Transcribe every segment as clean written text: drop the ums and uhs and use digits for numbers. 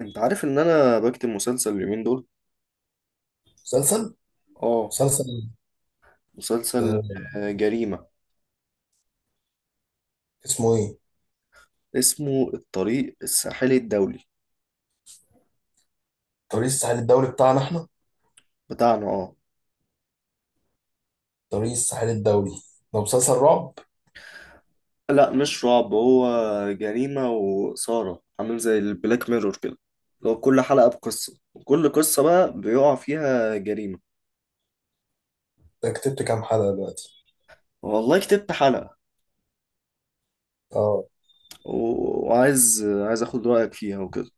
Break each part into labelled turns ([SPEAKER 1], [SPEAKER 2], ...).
[SPEAKER 1] انت عارف ان انا بكتب مسلسل اليومين دول؟
[SPEAKER 2] مسلسل؟
[SPEAKER 1] اه.
[SPEAKER 2] مسلسل؟
[SPEAKER 1] مسلسل.
[SPEAKER 2] آه،
[SPEAKER 1] جريمة.
[SPEAKER 2] اسمه ايه؟
[SPEAKER 1] اسمه الطريق الساحلي الدولي
[SPEAKER 2] طريق الساحل الدولي بتاعنا احنا.
[SPEAKER 1] بتاعنا اه.
[SPEAKER 2] طريق الساحل الدولي. ده مسلسل رعب؟
[SPEAKER 1] لا مش رعب هو. جريمة وإثارة عامل زي البلاك ميرور كده. لو كل حلقة بقصة، وكل قصة بقى بيقع فيها جريمة.
[SPEAKER 2] ده كتبت كام حلقة دلوقتي؟
[SPEAKER 1] والله كتبت حلقة.
[SPEAKER 2] اه.
[SPEAKER 1] وعايز اخد رأيك فيها وكده.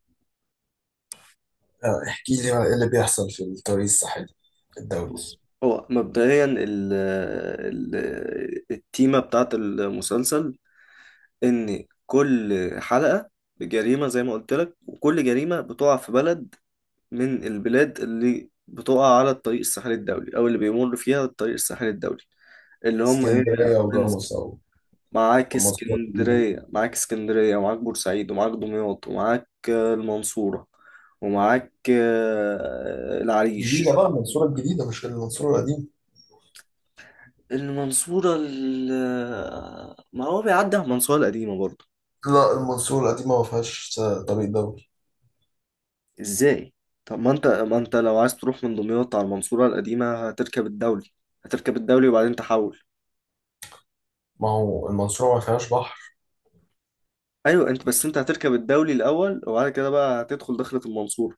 [SPEAKER 2] آه، احكي لي بقى ايه اللي بيحصل في الطريق الساحلي الدولي.
[SPEAKER 1] بص هو مبدئيا ال... التيمة بتاعت المسلسل، ان كل حلقة بجريمة زي ما قلت لك، وكل جريمة بتقع في بلد من البلاد اللي بتقع على الطريق الساحلي الدولي، او اللي بيمر فيها الطريق الساحلي الدولي. اللي هم ايه؟ يا
[SPEAKER 2] اسكندرية
[SPEAKER 1] برنس.
[SPEAKER 2] وجاموس او
[SPEAKER 1] معاك
[SPEAKER 2] المنصورة الجديدة.
[SPEAKER 1] اسكندرية، معاك اسكندرية، ومعاك بورسعيد، ومعاك دمياط، ومعاك المنصورة. ومعاك
[SPEAKER 2] جديدة
[SPEAKER 1] العريش.
[SPEAKER 2] بقى المنصورة الجديدة مش المنصورة القديمة.
[SPEAKER 1] ما هو بيعدي على المنصورة القديمة برضه.
[SPEAKER 2] لا، المنصورة القديمة ما فيهاش طريق دولي.
[SPEAKER 1] ازاي؟ طب ما انت لو عايز تروح من دمياط على المنصورة القديمة هتركب الدولي. هتركب الدولي وبعدين تحول.
[SPEAKER 2] ما هو المنصورة ما فيهاش بحر.
[SPEAKER 1] ايوه انت، بس انت هتركب الدولي الاول، وبعد كده بقى هتدخل دخلة المنصورة.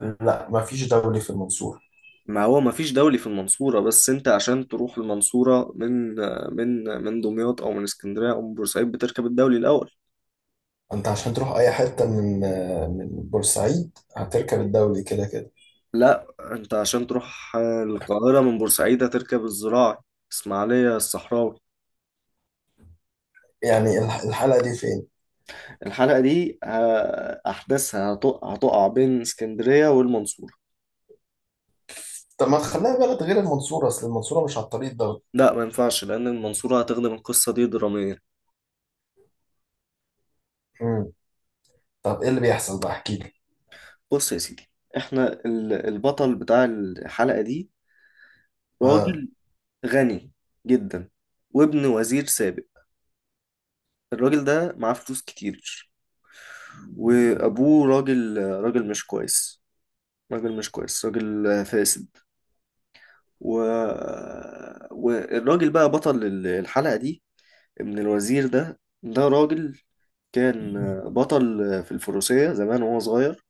[SPEAKER 2] لا، ما فيش دولي في المنصورة.
[SPEAKER 1] ما هو ما فيش دولي في المنصورة، بس انت عشان تروح المنصورة من من دمياط او من اسكندرية او من بورسعيد بتركب الدولي الاول.
[SPEAKER 2] انت عشان تروح اي حتة من من بورسعيد هتركب الدولي كده كده.
[SPEAKER 1] لا، انت عشان تروح القاهرة من بورسعيد هتركب الزراعي. اسماعيلية الصحراوي.
[SPEAKER 2] يعني الحلقة دي فين؟
[SPEAKER 1] الحلقة دي احداثها هتقع بين اسكندرية والمنصورة.
[SPEAKER 2] طب ما تخليها بلد غير المنصورة، أصل المنصورة مش على الطريق ده.
[SPEAKER 1] لا، ما ينفعش لأن المنصورة هتخدم القصة دي دراميا.
[SPEAKER 2] مم. طب إيه اللي بيحصل بقى؟ احكي لي.
[SPEAKER 1] بص يا سيدي. البطل بتاع الحلقة دي
[SPEAKER 2] آه.
[SPEAKER 1] راجل غني جدا، وابن وزير سابق. الراجل ده معاه فلوس كتير، وأبوه راجل، راجل مش كويس. راجل مش كويس، راجل فاسد. و... والراجل بقى بطل الحلقة دي، ابن الوزير ده راجل كان بطل في الفروسية زمان وهو صغير.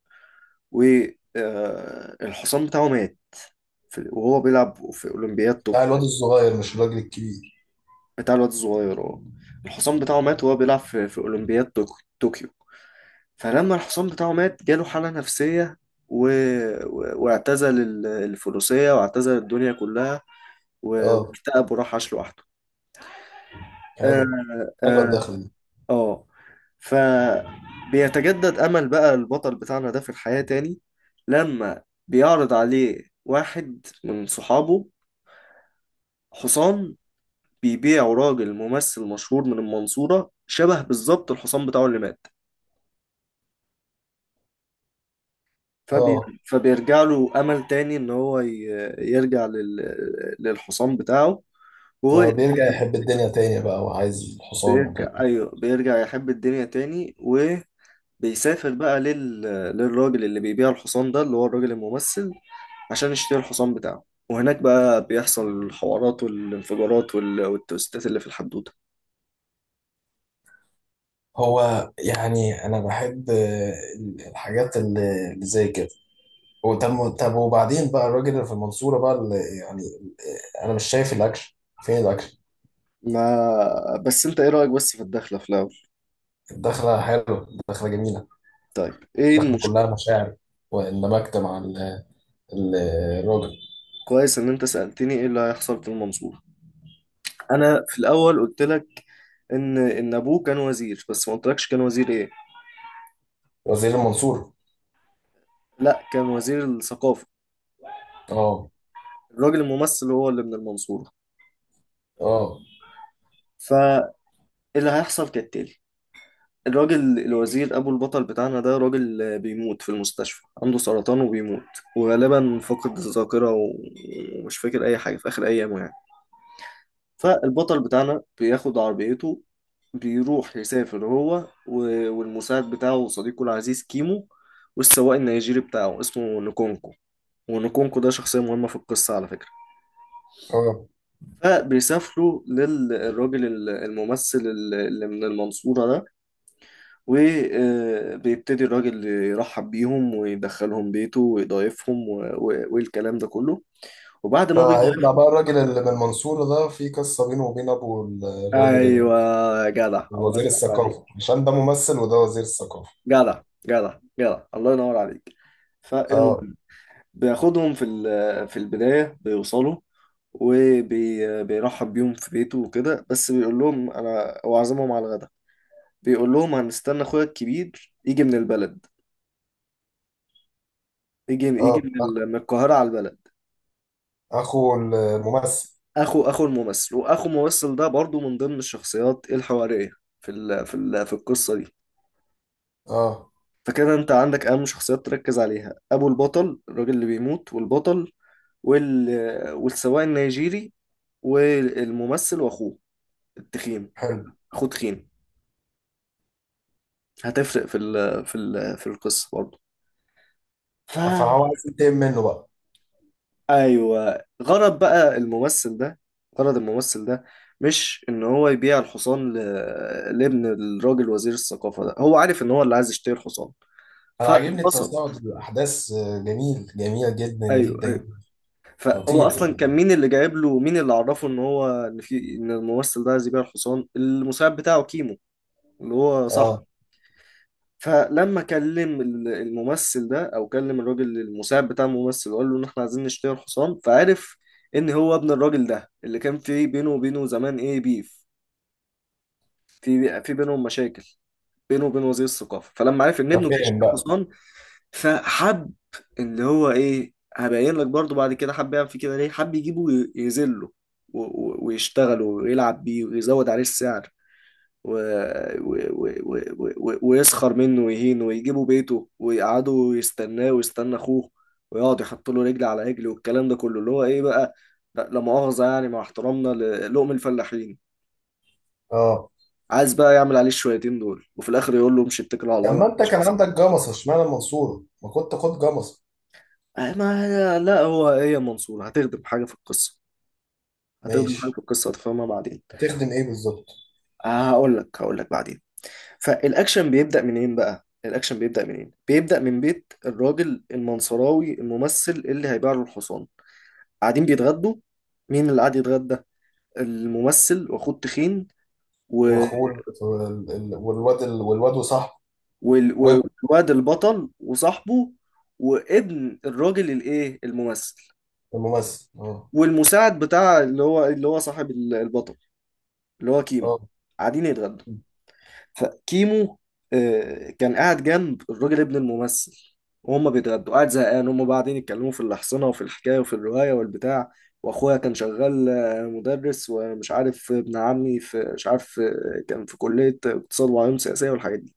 [SPEAKER 1] والحصان بتاعه مات وهو بيلعب في أولمبياد
[SPEAKER 2] بتاع
[SPEAKER 1] طوكيو.
[SPEAKER 2] الواد الصغير مش الراجل الكبير؟
[SPEAKER 1] بتاع الواد الصغير اه. الحصان بتاعه مات وهو بيلعب في أولمبياد طوكيو طوكيو. فلما الحصان بتاعه مات جاله حالة نفسية، و... واعتزل الفروسية، واعتزل الدنيا كلها،
[SPEAKER 2] آه.
[SPEAKER 1] واكتئب وراح عاش لوحده. آه.
[SPEAKER 2] حلو. حلوة
[SPEAKER 1] آه.
[SPEAKER 2] الدخلة دي.
[SPEAKER 1] آه. فبيتجدد أمل بقى البطل بتاعنا ده في الحياة تاني لما بيعرض عليه واحد من صحابه حصان بيبيعوا راجل ممثل مشهور من المنصورة شبه بالظبط الحصان بتاعه اللي مات. فبي...
[SPEAKER 2] آه.
[SPEAKER 1] فبيرجع له أمل تاني إن هو يرجع لل... للحصان بتاعه. وهو
[SPEAKER 2] فبيرجع يحب الدنيا تاني بقى وعايز الحصان وكده.
[SPEAKER 1] بيرجع، أيوه، بيرجع يحب الدنيا تاني، وبيسافر بقى للراجل اللي بيبيع الحصان ده، اللي هو الراجل الممثل، عشان يشتري الحصان بتاعه. وهناك بقى بيحصل الحوارات والانفجارات والتوستات اللي في الحدوتة.
[SPEAKER 2] هو يعني أنا بحب الحاجات اللي زي كده. وطب طب وبعدين بقى الراجل اللي في المنصورة بقى اللي يعني أنا مش شايف الأكشن. فين الأكشن؟
[SPEAKER 1] ما بس انت ايه رأيك بس في الدخلة في الأول؟
[SPEAKER 2] الدخلة حلوة. الدخلة جميلة.
[SPEAKER 1] طيب ايه
[SPEAKER 2] دخل
[SPEAKER 1] المشكلة؟
[SPEAKER 2] كلها مشاعر، واندمجت مع ال- الراجل.
[SPEAKER 1] كويس ان انت سألتني ايه اللي هيحصل في المنصورة. انا في الاول قلت لك ان ابوه كان وزير، بس ما قلتلكش كان وزير ايه.
[SPEAKER 2] وزير المنصورة؟
[SPEAKER 1] لا، كان وزير الثقافة.
[SPEAKER 2] اه.
[SPEAKER 1] الراجل الممثل هو اللي من المنصورة.
[SPEAKER 2] اه.
[SPEAKER 1] فاللي هيحصل كالتالي: الراجل الوزير ابو البطل بتاعنا ده راجل بيموت في المستشفى، عنده سرطان وبيموت، وغالبا فقد الذاكرة ومش فاكر اي حاجة في اخر ايامه يعني. فالبطل بتاعنا بياخد عربيته، بيروح يسافر هو والمساعد بتاعه وصديقه العزيز كيمو، والسواق النيجيري بتاعه اسمه نكونكو. ونكونكو ده شخصية مهمة في القصة على فكرة.
[SPEAKER 2] اه.
[SPEAKER 1] فبيسافروا للراجل الممثل اللي من المنصورة ده، وبيبتدي الراجل يرحب بيهم ويدخلهم بيته ويضايفهم والكلام ده كله. وبعد ما بيضايف،
[SPEAKER 2] فهيطلع بقى الراجل اللي من المنصورة ده في قصة بينه وبين أبو الراجل
[SPEAKER 1] ايوه. يا جدع الله
[SPEAKER 2] وزير
[SPEAKER 1] ينور عليك.
[SPEAKER 2] الثقافة، عشان ده ممثل وده وزير الثقافة.
[SPEAKER 1] جدع. جدع جدع الله ينور عليك. فالمهم،
[SPEAKER 2] اه.
[SPEAKER 1] بياخدهم في البداية بيوصلوا، وبيرحب بيهم في بيته وكده، بس بيقول لهم انا هو عازمهم على الغدا. بيقول لهم هنستنى اخويا الكبير يجي من البلد، يجي
[SPEAKER 2] اه.
[SPEAKER 1] من القاهرة على البلد.
[SPEAKER 2] أخو الممثل.
[SPEAKER 1] اخو الممثل، واخو الممثل ده برضو من ضمن الشخصيات الحوارية في القصة دي.
[SPEAKER 2] اه.
[SPEAKER 1] فكده انت عندك اهم شخصيات تركز عليها: ابو البطل الراجل اللي بيموت، والبطل، وال... والسواق النيجيري، والممثل واخوه التخين.
[SPEAKER 2] حلو.
[SPEAKER 1] اخوه تخين، هتفرق في القصه برضه. ف
[SPEAKER 2] فهو عايز ينتقم منه بقى.
[SPEAKER 1] ايوه، غرض بقى الممثل ده، غرض الممثل ده، مش ان هو يبيع الحصان لابن الراجل وزير الثقافه ده. هو عارف ان هو اللي عايز يشتري الحصان،
[SPEAKER 2] أنا عاجبني
[SPEAKER 1] فاتبسط.
[SPEAKER 2] التصاعد الأحداث جميل جميل جدا
[SPEAKER 1] ايوه،
[SPEAKER 2] جدا.
[SPEAKER 1] ايوه. فهو
[SPEAKER 2] خطير.
[SPEAKER 1] اصلا كان مين اللي جايب له، مين اللي عرفه ان هو ان في ان الممثل ده عايز يبيع الحصان؟ المساعد بتاعه كيمو، اللي هو صح.
[SPEAKER 2] اه.
[SPEAKER 1] فلما كلم الممثل ده، او كلم الراجل المساعد بتاع الممثل، وقال له ان احنا عايزين نشتري الحصان، فعرف ان هو ابن الراجل ده اللي كان بينه وبينه زمان، ايه، بيف، في بينهم مشاكل بينه وبين وزير الثقافه. فلما عرف ان ابنه جاي
[SPEAKER 2] ففهم
[SPEAKER 1] يشتري
[SPEAKER 2] بقى.
[SPEAKER 1] حصان فحب، اللي هو ايه، هبين لك برضو بعد كده، حب يعمل فيه كده، ليه، حب يجيبه يذله ويشتغله ويلعب بيه ويزود عليه السعر و... و... ويسخر منه ويهينه ويجيبوا بيته ويقعدوا يستناه ويستنى اخوه، ويقعد يحط له رجل على رجل والكلام ده كله، اللي هو ايه بقى، لا لا مؤاخذة يعني مع احترامنا للقم الفلاحين،
[SPEAKER 2] اه.
[SPEAKER 1] عايز بقى يعمل عليه الشويتين دول، وفي الاخر يقول له امشي اتكل على الله
[SPEAKER 2] طب
[SPEAKER 1] ما
[SPEAKER 2] ما انت
[SPEAKER 1] عنديش
[SPEAKER 2] كان
[SPEAKER 1] فلوس.
[SPEAKER 2] عندك جمصة، اشمعنى المنصورة؟ ما كنت خد جمصة.
[SPEAKER 1] ما لا، هو ايه يا منصور، هتخدم حاجة في القصة. هتخدم حاجة
[SPEAKER 2] ماشي.
[SPEAKER 1] في القصة هتفهمها بعدين.
[SPEAKER 2] هتخدم ايه بالظبط؟
[SPEAKER 1] هقول لك بعدين. فالاكشن بيبدأ منين بقى؟ الاكشن بيبدأ منين؟ بيبدأ من بيت الراجل المنصراوي الممثل اللي هيبيع له الحصان. قاعدين بيتغدوا. مين اللي قاعد يتغدى؟ الممثل واخوه تخين، و...
[SPEAKER 2] واخوه والواد وصاحبه. وابن
[SPEAKER 1] والواد البطل وصاحبه، وابن الراجل الايه الممثل،
[SPEAKER 2] الممثل. اه.
[SPEAKER 1] والمساعد بتاع، اللي هو صاحب البطل، اللي هو كيمو.
[SPEAKER 2] اه.
[SPEAKER 1] قاعدين يتغدوا. فكيمو كان قاعد جنب الراجل ابن الممثل، وهم بيتغدوا، قاعد زهقان، هم قاعدين يتكلموا في الأحصنة وفي الحكاية وفي الرواية والبتاع، وأخويا كان شغال مدرس، ومش عارف ابن عمي في مش عارف كان في كلية اقتصاد وعلوم سياسية والحاجات دي.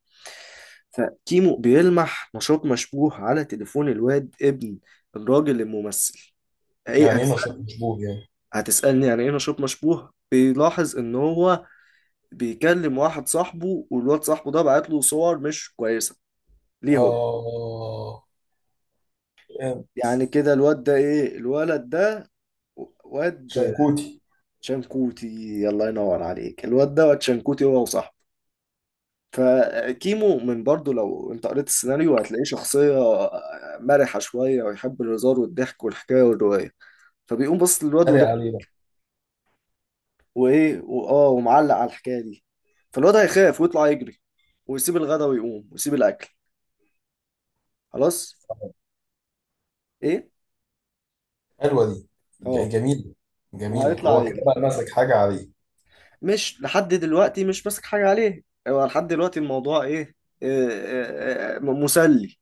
[SPEAKER 1] فكيمو بيلمح نشاط مشبوه على تليفون الواد ابن الراجل الممثل. ايه
[SPEAKER 2] يعني ايه نشاط
[SPEAKER 1] هتسأل-
[SPEAKER 2] مشبوه يعني؟
[SPEAKER 1] هتسألني يعني ايه نشاط مشبوه؟ بيلاحظ ان هو بيكلم واحد صاحبه، والواد صاحبه ده بعت له صور مش كويسة. ليه هو
[SPEAKER 2] اه، يعني.
[SPEAKER 1] يعني كده؟ الواد ده ايه، الولد ده؟ واد
[SPEAKER 2] شيكوتي.
[SPEAKER 1] شنكوتي. الله ينور عليك، الواد ده واد شنكوتي هو وصاحبه. فكيمو من برضه، لو انت قريت السيناريو هتلاقيه شخصية مرحة شوية، ويحب الهزار والضحك والحكاية والرواية. فبيقوم بص للواد
[SPEAKER 2] اتريق
[SPEAKER 1] وده،
[SPEAKER 2] عليه بقى.
[SPEAKER 1] وايه واه، ومعلق على الحكاية دي. فالواد هيخاف ويطلع يجري، ويسيب الغدا ويقوم ويسيب الأكل. خلاص. ايه.
[SPEAKER 2] حلوه دي.
[SPEAKER 1] اه.
[SPEAKER 2] جميله. جميله
[SPEAKER 1] وهيطلع
[SPEAKER 2] هو كده
[SPEAKER 1] يجري.
[SPEAKER 2] بقى ماسك حاجه عليه.
[SPEAKER 1] مش لحد دلوقتي، مش ماسك حاجة عليه. هو لحد دلوقتي الموضوع ايه؟ إيه، مسلي.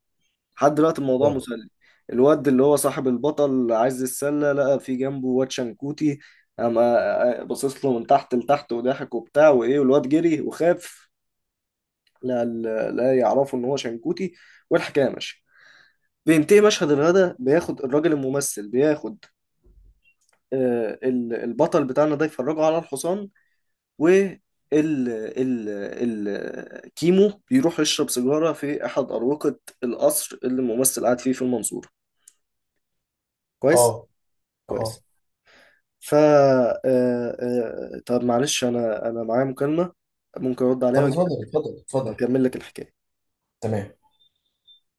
[SPEAKER 1] لحد دلوقتي الموضوع
[SPEAKER 2] اه.
[SPEAKER 1] مسلي. الواد اللي هو صاحب البطل عايز السلة لقى في جنبه واد شنكوتي، اما بصص له من تحت لتحت وضحك وبتاع وايه، والواد جري وخاف. لا، لا يعرفوا ان هو شنكوتي. والحكايه ماشيه. بينتهي مشهد الغدا، بياخد الراجل الممثل، بياخد البطل بتاعنا ده، يفرجه على الحصان. وال ال ال الكيمو بيروح يشرب سيجارة في أحد أروقة القصر اللي الممثل قاعد فيه في المنصورة. كويس.
[SPEAKER 2] اه. اه.
[SPEAKER 1] كويس. ف آه، آه، آه، طب معلش، أنا معايا مكالمة، ممكن أرد
[SPEAKER 2] طب
[SPEAKER 1] عليها
[SPEAKER 2] اتفضل اتفضل اتفضل.
[SPEAKER 1] وأكمل لك الحكاية.
[SPEAKER 2] تمام.